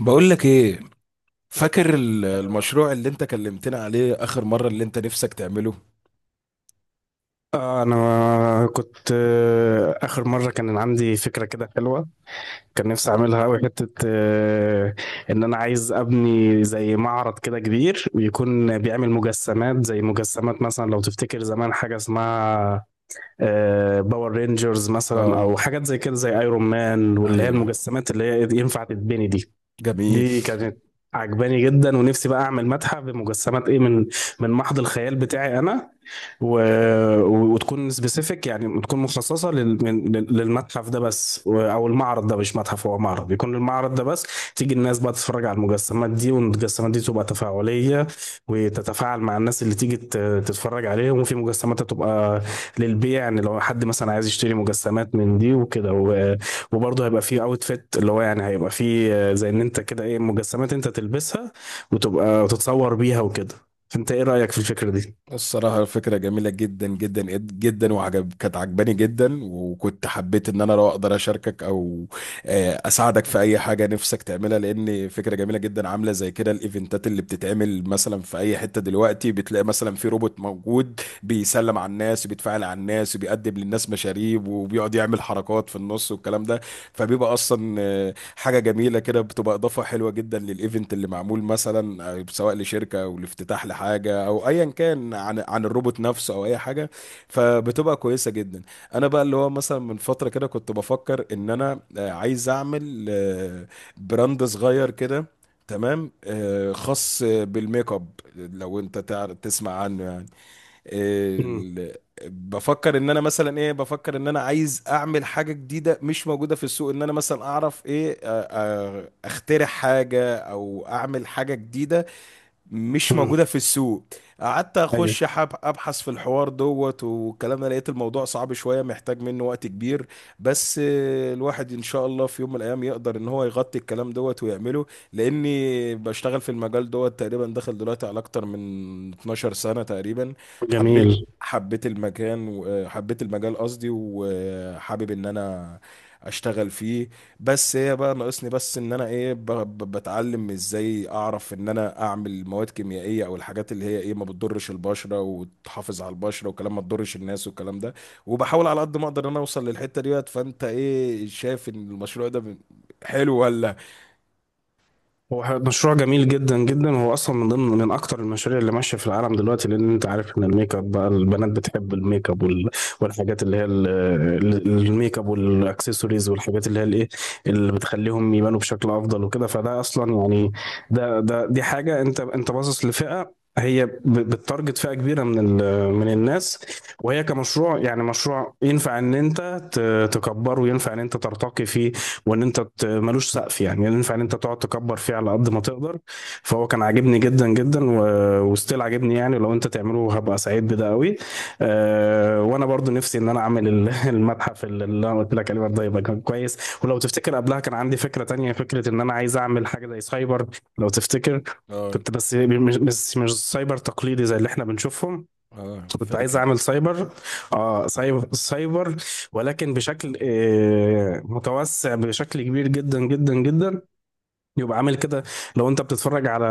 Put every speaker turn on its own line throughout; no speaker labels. بقول لك ايه، فاكر
ايوه.
المشروع اللي انت كلمتنا عليه اخر مرة اللي انت نفسك تعمله.
انا كنت اخر مره كان عندي فكره كده حلوه. كان نفسي اعملها قوي حته، ان انا عايز ابني زي معرض كده كبير، ويكون بيعمل مجسمات زي مجسمات، مثلا لو تفتكر زمان حاجه اسمها باور رينجرز مثلا،
اه،
او حاجات زي كده زي ايرون مان، واللي هي
ايوه،
المجسمات اللي هي ينفع تتبني دي.
جميل.
دي كانت عجباني جدا، ونفسي بقى اعمل متحف بمجسمات ايه، من محض الخيال بتاعي انا. و... وتكون سبيسيفيك، يعني تكون مخصصه للمتحف ده بس او المعرض ده. مش متحف، هو معرض. بيكون المعرض ده بس تيجي الناس بقى تتفرج على المجسمات دي، والمجسمات دي تبقى تفاعليه وتتفاعل مع الناس اللي تيجي تتفرج عليهم. وفي مجسمات تبقى للبيع، يعني لو حد مثلا عايز يشتري مجسمات من دي وكده. وبرضه هيبقى فيه اوتفيت، اللي هو يعني هيبقى فيه زي ان انت كده ايه، مجسمات انت تلبسها وتبقى وتتصور بيها وكده. انت ايه رايك في الفكره دي؟
الصراحة الفكرة جميلة جدا جدا جدا، كانت عجباني جدا، وكنت حبيت ان انا لو اقدر اشاركك او اساعدك في اي حاجة نفسك تعملها، لان فكرة جميلة جدا. عاملة زي كده الايفنتات اللي بتتعمل مثلا في اي حتة، دلوقتي بتلاقي مثلا في روبوت موجود بيسلم على الناس وبيتفاعل على الناس وبيقدم للناس مشاريب وبيقعد يعمل حركات في النص والكلام ده. فبيبقى اصلا حاجه جميله كده، بتبقى اضافه حلوه جدا للايفنت اللي معمول مثلا، سواء لشركه او لافتتاح لحاجه او ايا كان، عن الروبوت نفسه او اي حاجه، فبتبقى كويسه جدا. انا بقى اللي هو مثلا من فتره كده كنت بفكر ان انا عايز اعمل براند صغير كده، تمام، خاص بالميك اب، لو انت تسمع عنه يعني.
مم.
ال- بفكر ان انا مثلا ايه، بفكر ان انا عايز اعمل حاجه جديده مش موجوده في السوق، ان انا مثلا اعرف ايه، اخترع حاجه او اعمل حاجه جديده مش
مم.
موجودة في السوق. قعدت
ايوه.
اخش ابحث في الحوار دوت والكلام ده، لقيت الموضوع صعب شوية، محتاج منه وقت كبير، بس الواحد ان شاء الله في يوم من الايام يقدر ان هو يغطي الكلام دوت ويعمله، لاني بشتغل في المجال دوت تقريبا، داخل دلوقتي على اكتر من 12 سنة تقريبا. حبيت،
جميل.
حبيت المكان وحبيت المجال قصدي، وحابب ان انا اشتغل فيه. بس هي بقى ناقصني بس ان انا ايه، بتعلم ازاي اعرف ان انا اعمل مواد كيميائيه، او الحاجات اللي هي ايه، ما بتضرش البشره وتحافظ على البشره وكلام ما تضرش الناس والكلام ده. وبحاول على قد ما اقدر ان انا اوصل للحته ديت. فانت ايه شايف ان المشروع ده حلو ولا؟
هو مشروع جميل جدا جدا. هو اصلا من ضمن من اكتر المشاريع اللي ماشيه في العالم دلوقتي، لان انت عارف ان الميك اب بقى، البنات بتحب الميك اب والحاجات اللي هي الميك اب والاكسسوارز، والحاجات اللي هي الايه اللي بتخليهم يبانوا بشكل افضل وكده. فده اصلا يعني، ده دي حاجه، انت باصص لفئه هي بتتارجت، فئه كبيره من الناس. وهي كمشروع، يعني مشروع ينفع ان انت تكبره، وينفع ان انت ترتقي فيه، وان انت ملوش سقف، يعني ينفع ان انت تقعد تكبر فيه على قد ما تقدر. فهو كان عاجبني جدا جدا. وستيل عاجبني، يعني لو انت تعمله هبقى سعيد بده قوي. وانا برضو نفسي ان انا اعمل المتحف اللي انا قلت لك عليه برضه، يبقى كان كويس. ولو تفتكر قبلها كان عندي فكرة تانية، فكرة ان انا عايز اعمل حاجة زي سايبر، لو تفتكر.
اه.
كنت بس مش سايبر تقليدي زي اللي احنا بنشوفهم.
اه،
كنت عايز
فاكر.
اعمل سايبر، اه سايبر سايبر، ولكن بشكل متوسع بشكل كبير جدا جدا جدا. يبقى عامل كده. لو انت بتتفرج على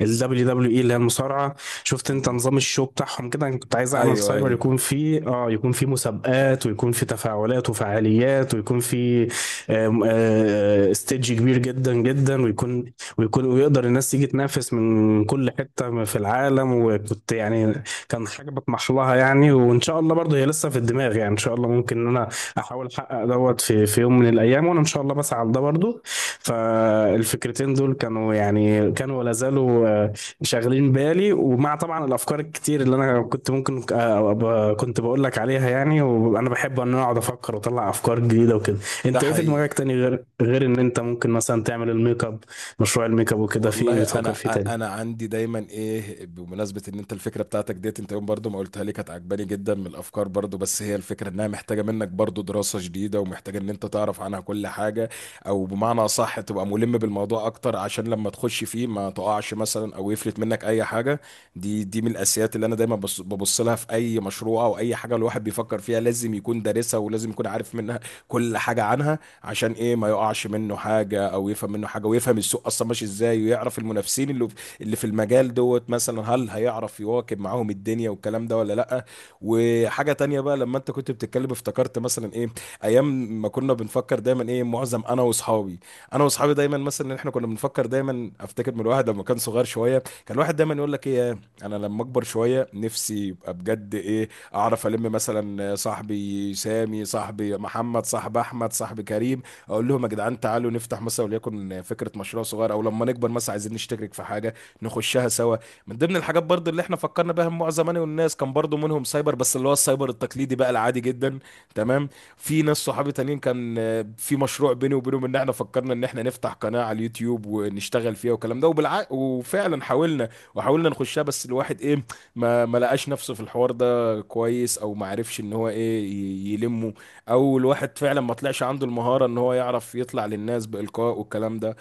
ال WWE، اللي هي المصارعة، شفت انت
مم.
نظام الشو بتاعهم كده. انا كنت عايز اعمل
ايوه،
سايبر
ايوه.
يكون فيه، يكون فيه مسابقات، ويكون فيه تفاعلات وفعاليات، ويكون فيه آم، آه، ستيدج كبير جدا جدا. ويكون ويقدر الناس تيجي تنافس من كل حتة في العالم. وكنت يعني، كان حاجة بطمح لها يعني، وان شاء الله برضه هي لسه في الدماغ. يعني ان شاء الله ممكن ان انا احاول احقق دوت في يوم من الايام، وانا ان شاء الله بسعى لده برضه. فالفكرتين دول كانوا، يعني كانوا ولا زالوا، شاغلين بالي، ومع طبعا الافكار الكتير اللي انا كنت ممكن كنت بقول لك عليها يعني. وانا بحب ان انا اقعد افكر واطلع افكار جديده وكده.
ده
انت ايه في
حقيقي.
دماغك تاني، غير ان انت ممكن مثلا تعمل الميك اب، مشروع الميك اب وكده، في ايه
والله
بتفكر
انا،
فيه تاني؟
انا عندي دايما ايه، بمناسبه ان انت الفكره بتاعتك ديت، انت يوم برضو ما قلتها لي كانت عجباني جدا من الافكار برضو، بس هي الفكره انها محتاجه منك برضو دراسه جديده، ومحتاجه ان انت تعرف عنها كل حاجه، او بمعنى اصح تبقى ملم بالموضوع اكتر عشان لما تخش فيه ما تقعش مثلا او يفلت منك اي حاجه. دي من الاساسيات اللي انا دايما ببص لها في اي مشروع او اي حاجه الواحد بيفكر فيها، لازم يكون دارسها ولازم يكون عارف منها كل حاجه عنها، عشان ايه، ما يقعش منه حاجه او يفهم منه حاجه، ويفهم السوق اصلا ماشي ازاي، ويعرف المنافسين اللي في المجال دوت مثلا، هل هيعرف يواكب معاهم الدنيا والكلام ده ولا لا. وحاجه تانية بقى، لما انت كنت بتتكلم افتكرت مثلا ايه، ايام ما كنا بنفكر دايما ايه، معظم انا واصحابي دايما مثلا، إن احنا كنا بنفكر دايما، افتكر من الواحد لما كان صغير شويه، كان الواحد دايما يقول لك ايه، انا لما اكبر شويه نفسي يبقى بجد ايه، اعرف الم مثلا صاحبي سامي، صاحبي محمد، صاحب احمد، صاحب كريم، اقول لهم يا جدعان تعالوا نفتح مثلا وليكن فكره مشروع صغير، او لما نكبر مثلا عايزين نشترك في حاجه نخشها سوا. من ضمن الحاجات برضو اللي احنا فكرنا بها مجموعه زماني والناس، كان برضو منهم سايبر، بس اللي هو السايبر التقليدي بقى العادي جدا، تمام. في ناس صحابي تانيين كان في مشروع بيني وبينهم ان احنا فكرنا ان احنا نفتح قناه على اليوتيوب ونشتغل فيها والكلام ده، وفعلا حاولنا، نخشها بس الواحد ايه، ما لقاش نفسه في الحوار ده كده كويس، او ما عرفش ان هو ايه يلمه، او الواحد فعلا ما طلعش عنده المهارة ان هو يعرف يطلع للناس بإلقاء والكلام ده.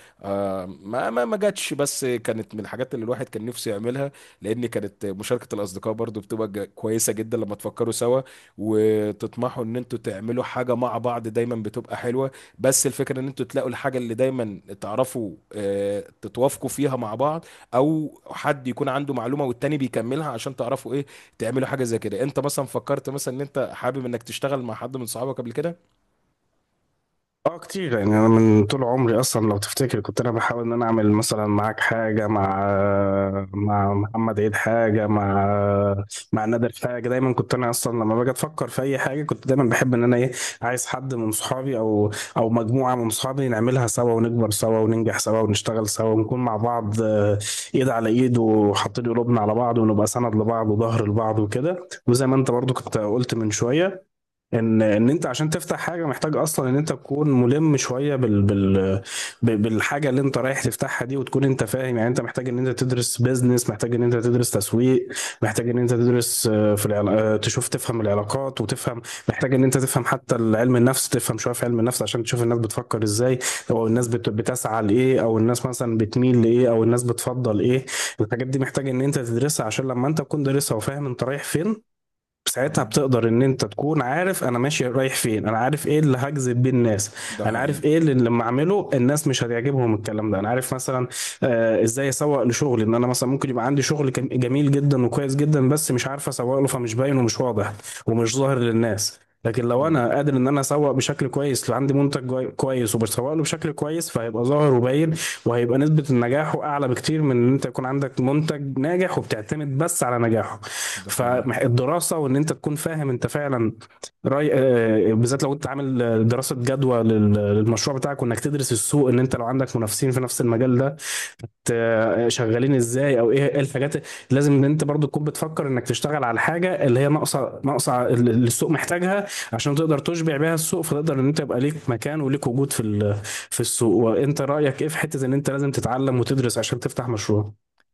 ما جاتش، بس كانت من الحاجات اللي الواحد كان نفسه يعملها، لان كانت مشاركة الاصدقاء برضو بتبقى كويسة جدا لما تفكروا سوا وتطمحوا ان انتوا تعملوا حاجة مع بعض، دايما بتبقى حلوة. بس الفكرة ان انتوا تلاقوا الحاجة اللي دايما تعرفوا تتوافقوا فيها مع بعض، او حد يكون عنده معلومة والتاني بيكملها عشان تعرفوا ايه تعملوا حاجة زي كده. انت مثلا فكرت مثلا ان انت حابب انك تشتغل مع حد من صحابك قبل كده؟
اه، كتير يعني. انا من طول عمري اصلا، لو تفتكر، كنت انا بحاول ان انا اعمل مثلا معاك حاجه، مع محمد عيد حاجه، مع نادر حاجه. دايما كنت انا اصلا، لما باجي افكر في اي حاجه، كنت دايما بحب ان انا ايه، عايز حد من صحابي، او مجموعه من صحابي، نعملها سوا، ونكبر سوا، وننجح سوا، ونشتغل سوا، ونكون مع بعض، ايد على ايد، وحاطين قلوبنا على بعض، ونبقى سند لبعض وظهر لبعض وكده. وزي ما انت برضو كنت قلت من شويه، ان انت عشان تفتح حاجه محتاج اصلا ان انت تكون ملم شويه بالحاجه اللي انت رايح تفتحها دي، وتكون انت فاهم. يعني انت محتاج ان انت تدرس بيزنس، محتاج ان انت تدرس تسويق، محتاج ان انت تدرس في العلا- آه، تشوف تفهم العلاقات وتفهم. محتاج ان انت تفهم حتى علم النفس، تفهم شويه في علم النفس، عشان تشوف الناس بتفكر ازاي، او الناس
مم.
بتسعى لايه، او الناس مثلا بتميل لايه، او الناس بتفضل ايه. الحاجات دي محتاج ان انت تدرسها، عشان لما انت تكون دارسها وفاهم انت رايح فين، ساعتها
اه،
بتقدر ان انت تكون عارف انا ماشي رايح فين. انا عارف ايه اللي هجذب بيه الناس،
ده
انا عارف
حقيقي.
ايه اللي لما اعمله الناس مش هتعجبهم الكلام ده، انا عارف مثلا ازاي اسوق لشغلي. ان انا مثلا ممكن يبقى عندي شغل جميل جدا وكويس جدا، بس مش عارف اسوق له، فمش باين ومش واضح ومش ظاهر للناس. لكن لو
اه،
انا قادر ان انا اسوق بشكل كويس، لو عندي منتج كويس، وبسوق له بشكل كويس، فهيبقى ظاهر وباين. وهيبقى نسبة نجاحه أعلى بكتير من إن أنت يكون عندك منتج ناجح وبتعتمد بس على نجاحه.
ده حقيقي.
فالدراسة وإن أنت تكون فاهم أنت فعلا رأي، بالذات لو أنت عامل دراسة جدوى للمشروع بتاعك، وإنك تدرس السوق. إن أنت لو عندك منافسين في نفس المجال ده شغالين ازاي، او ايه الحاجات لازم ان انت برضو تكون بتفكر انك تشتغل على الحاجه اللي هي ناقصه، اللي السوق محتاجها، عشان تقدر تشبع بيها السوق. فتقدر ان انت يبقى ليك مكان وليك وجود في السوق. وانت رايك ايه في حته ان انت لازم تتعلم وتدرس عشان تفتح مشروع؟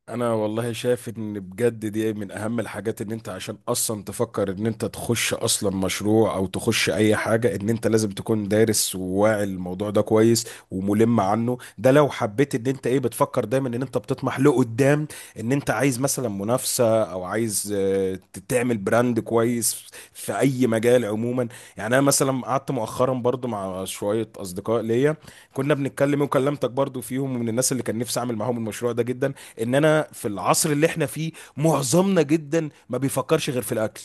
انا والله شايف ان بجد دي من اهم الحاجات، ان انت عشان اصلا تفكر ان انت تخش اصلا مشروع او تخش اي حاجة، ان انت لازم تكون دارس وواعي الموضوع ده كويس وملم عنه، ده لو حبيت ان انت ايه، بتفكر دايما ان انت بتطمح لقدام، ان انت عايز مثلا منافسة او عايز تعمل براند كويس في اي مجال عموما. يعني انا مثلا قعدت مؤخرا برضو مع شوية اصدقاء ليا كنا بنتكلم، وكلمتك برضو فيهم ومن الناس اللي كان نفسي اعمل معاهم المشروع ده جدا. ان انا في العصر اللي احنا فيه معظمنا جدا ما بيفكرش غير في الاكل،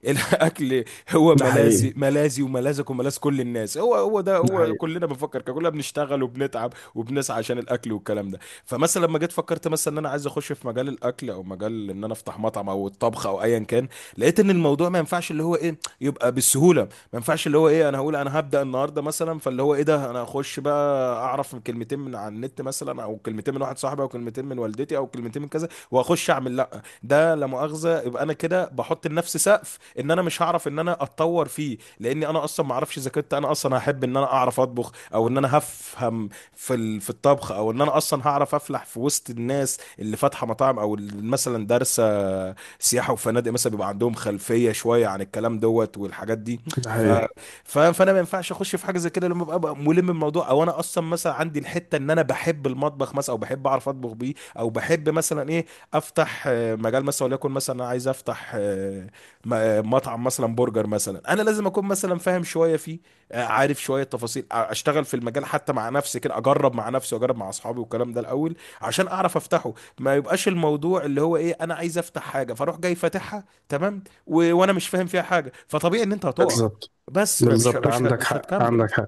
الاكل هو
ده حقيقي.
ملاذي، ملاذي وملاذك وملاذ كل الناس، هو هو ده
ده
هو
حقيقي.
كلنا بنفكر كده، كلنا بنشتغل وبنتعب وبنسعى عشان الاكل والكلام ده. فمثلا لما جيت فكرت مثلا ان انا عايز اخش في مجال الاكل، او مجال ان انا افتح مطعم او الطبخ او ايا كان، لقيت ان الموضوع ما ينفعش اللي هو ايه يبقى بالسهوله، ما ينفعش اللي هو ايه، انا هقول انا هبدأ النهارده مثلا، فاللي هو ايه ده، انا اخش بقى اعرف من كلمتين من على النت مثلا، او كلمتين من واحد صاحبي، او كلمتين من والدتي، او كلمتين من كذا، واخش اعمل، لا ده لا مؤاخذه يبقى انا كده بحط لنفسي سقف ان انا مش هعرف ان انا اتطور فيه، لاني انا اصلا ما اعرفش اذا كنت انا اصلا هحب ان انا اعرف اطبخ، او ان انا هفهم في الطبخ، او ان انا اصلا هعرف افلح في وسط الناس اللي فاتحه مطاعم او اللي مثلا دارسه سياحه وفنادق، مثلا بيبقى عندهم خلفيه شويه عن الكلام دوت والحاجات دي.
ده
ف...
حقيقي.
فانا ما ينفعش اخش في حاجه زي كده لما ابقى ملم الموضوع، او انا اصلا مثلا عندي الحته ان انا بحب المطبخ مثلا، او بحب اعرف اطبخ بيه، او بحب مثلا ايه، افتح مجال مثلا وليكن مثلا انا عايز افتح مطعم مثلا، برجر مثلا، انا لازم اكون مثلا فاهم شويه فيه، عارف شويه تفاصيل، اشتغل في المجال، حتى مع نفسي كده، اجرب مع نفسي واجرب مع اصحابي والكلام ده الاول عشان اعرف افتحه، ما يبقاش الموضوع اللي هو ايه، انا عايز افتح حاجه فاروح جاي فاتحها تمام، وانا مش فاهم فيها حاجه، فطبيعي ان انت هتقع.
بالظبط.
بس بقى مش
بالظبط.
مش
عندك
مش
حق.
هتكمل.
عندك حق.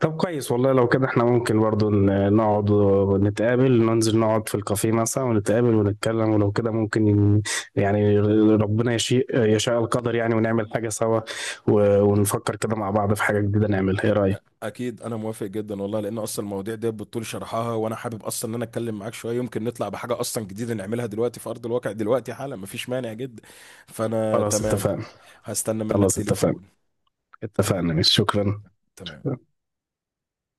طب كويس والله. لو كده احنا ممكن برضو نقعد ونتقابل، ننزل نقعد في الكافيه مثلا ونتقابل ونتكلم. ولو كده ممكن يعني ربنا يشاء القدر يعني، ونعمل حاجة سوا، ونفكر كده مع بعض في حاجة جديدة نعملها. ايه رأيك؟
اكيد انا موافق جدا والله، لان اصلا المواضيع دي بالطول شرحها، وانا حابب اصلا ان انا اتكلم معاك شويه، يمكن نطلع بحاجه اصلا جديده نعملها دلوقتي في ارض الواقع دلوقتي حالا، مفيش مانع جدا، فانا
خلاص
تمام.
اتفقنا.
هستنى منك
خلاص اتفقنا.
تليفون.
اتفقنا. مش شكرا.
تمام.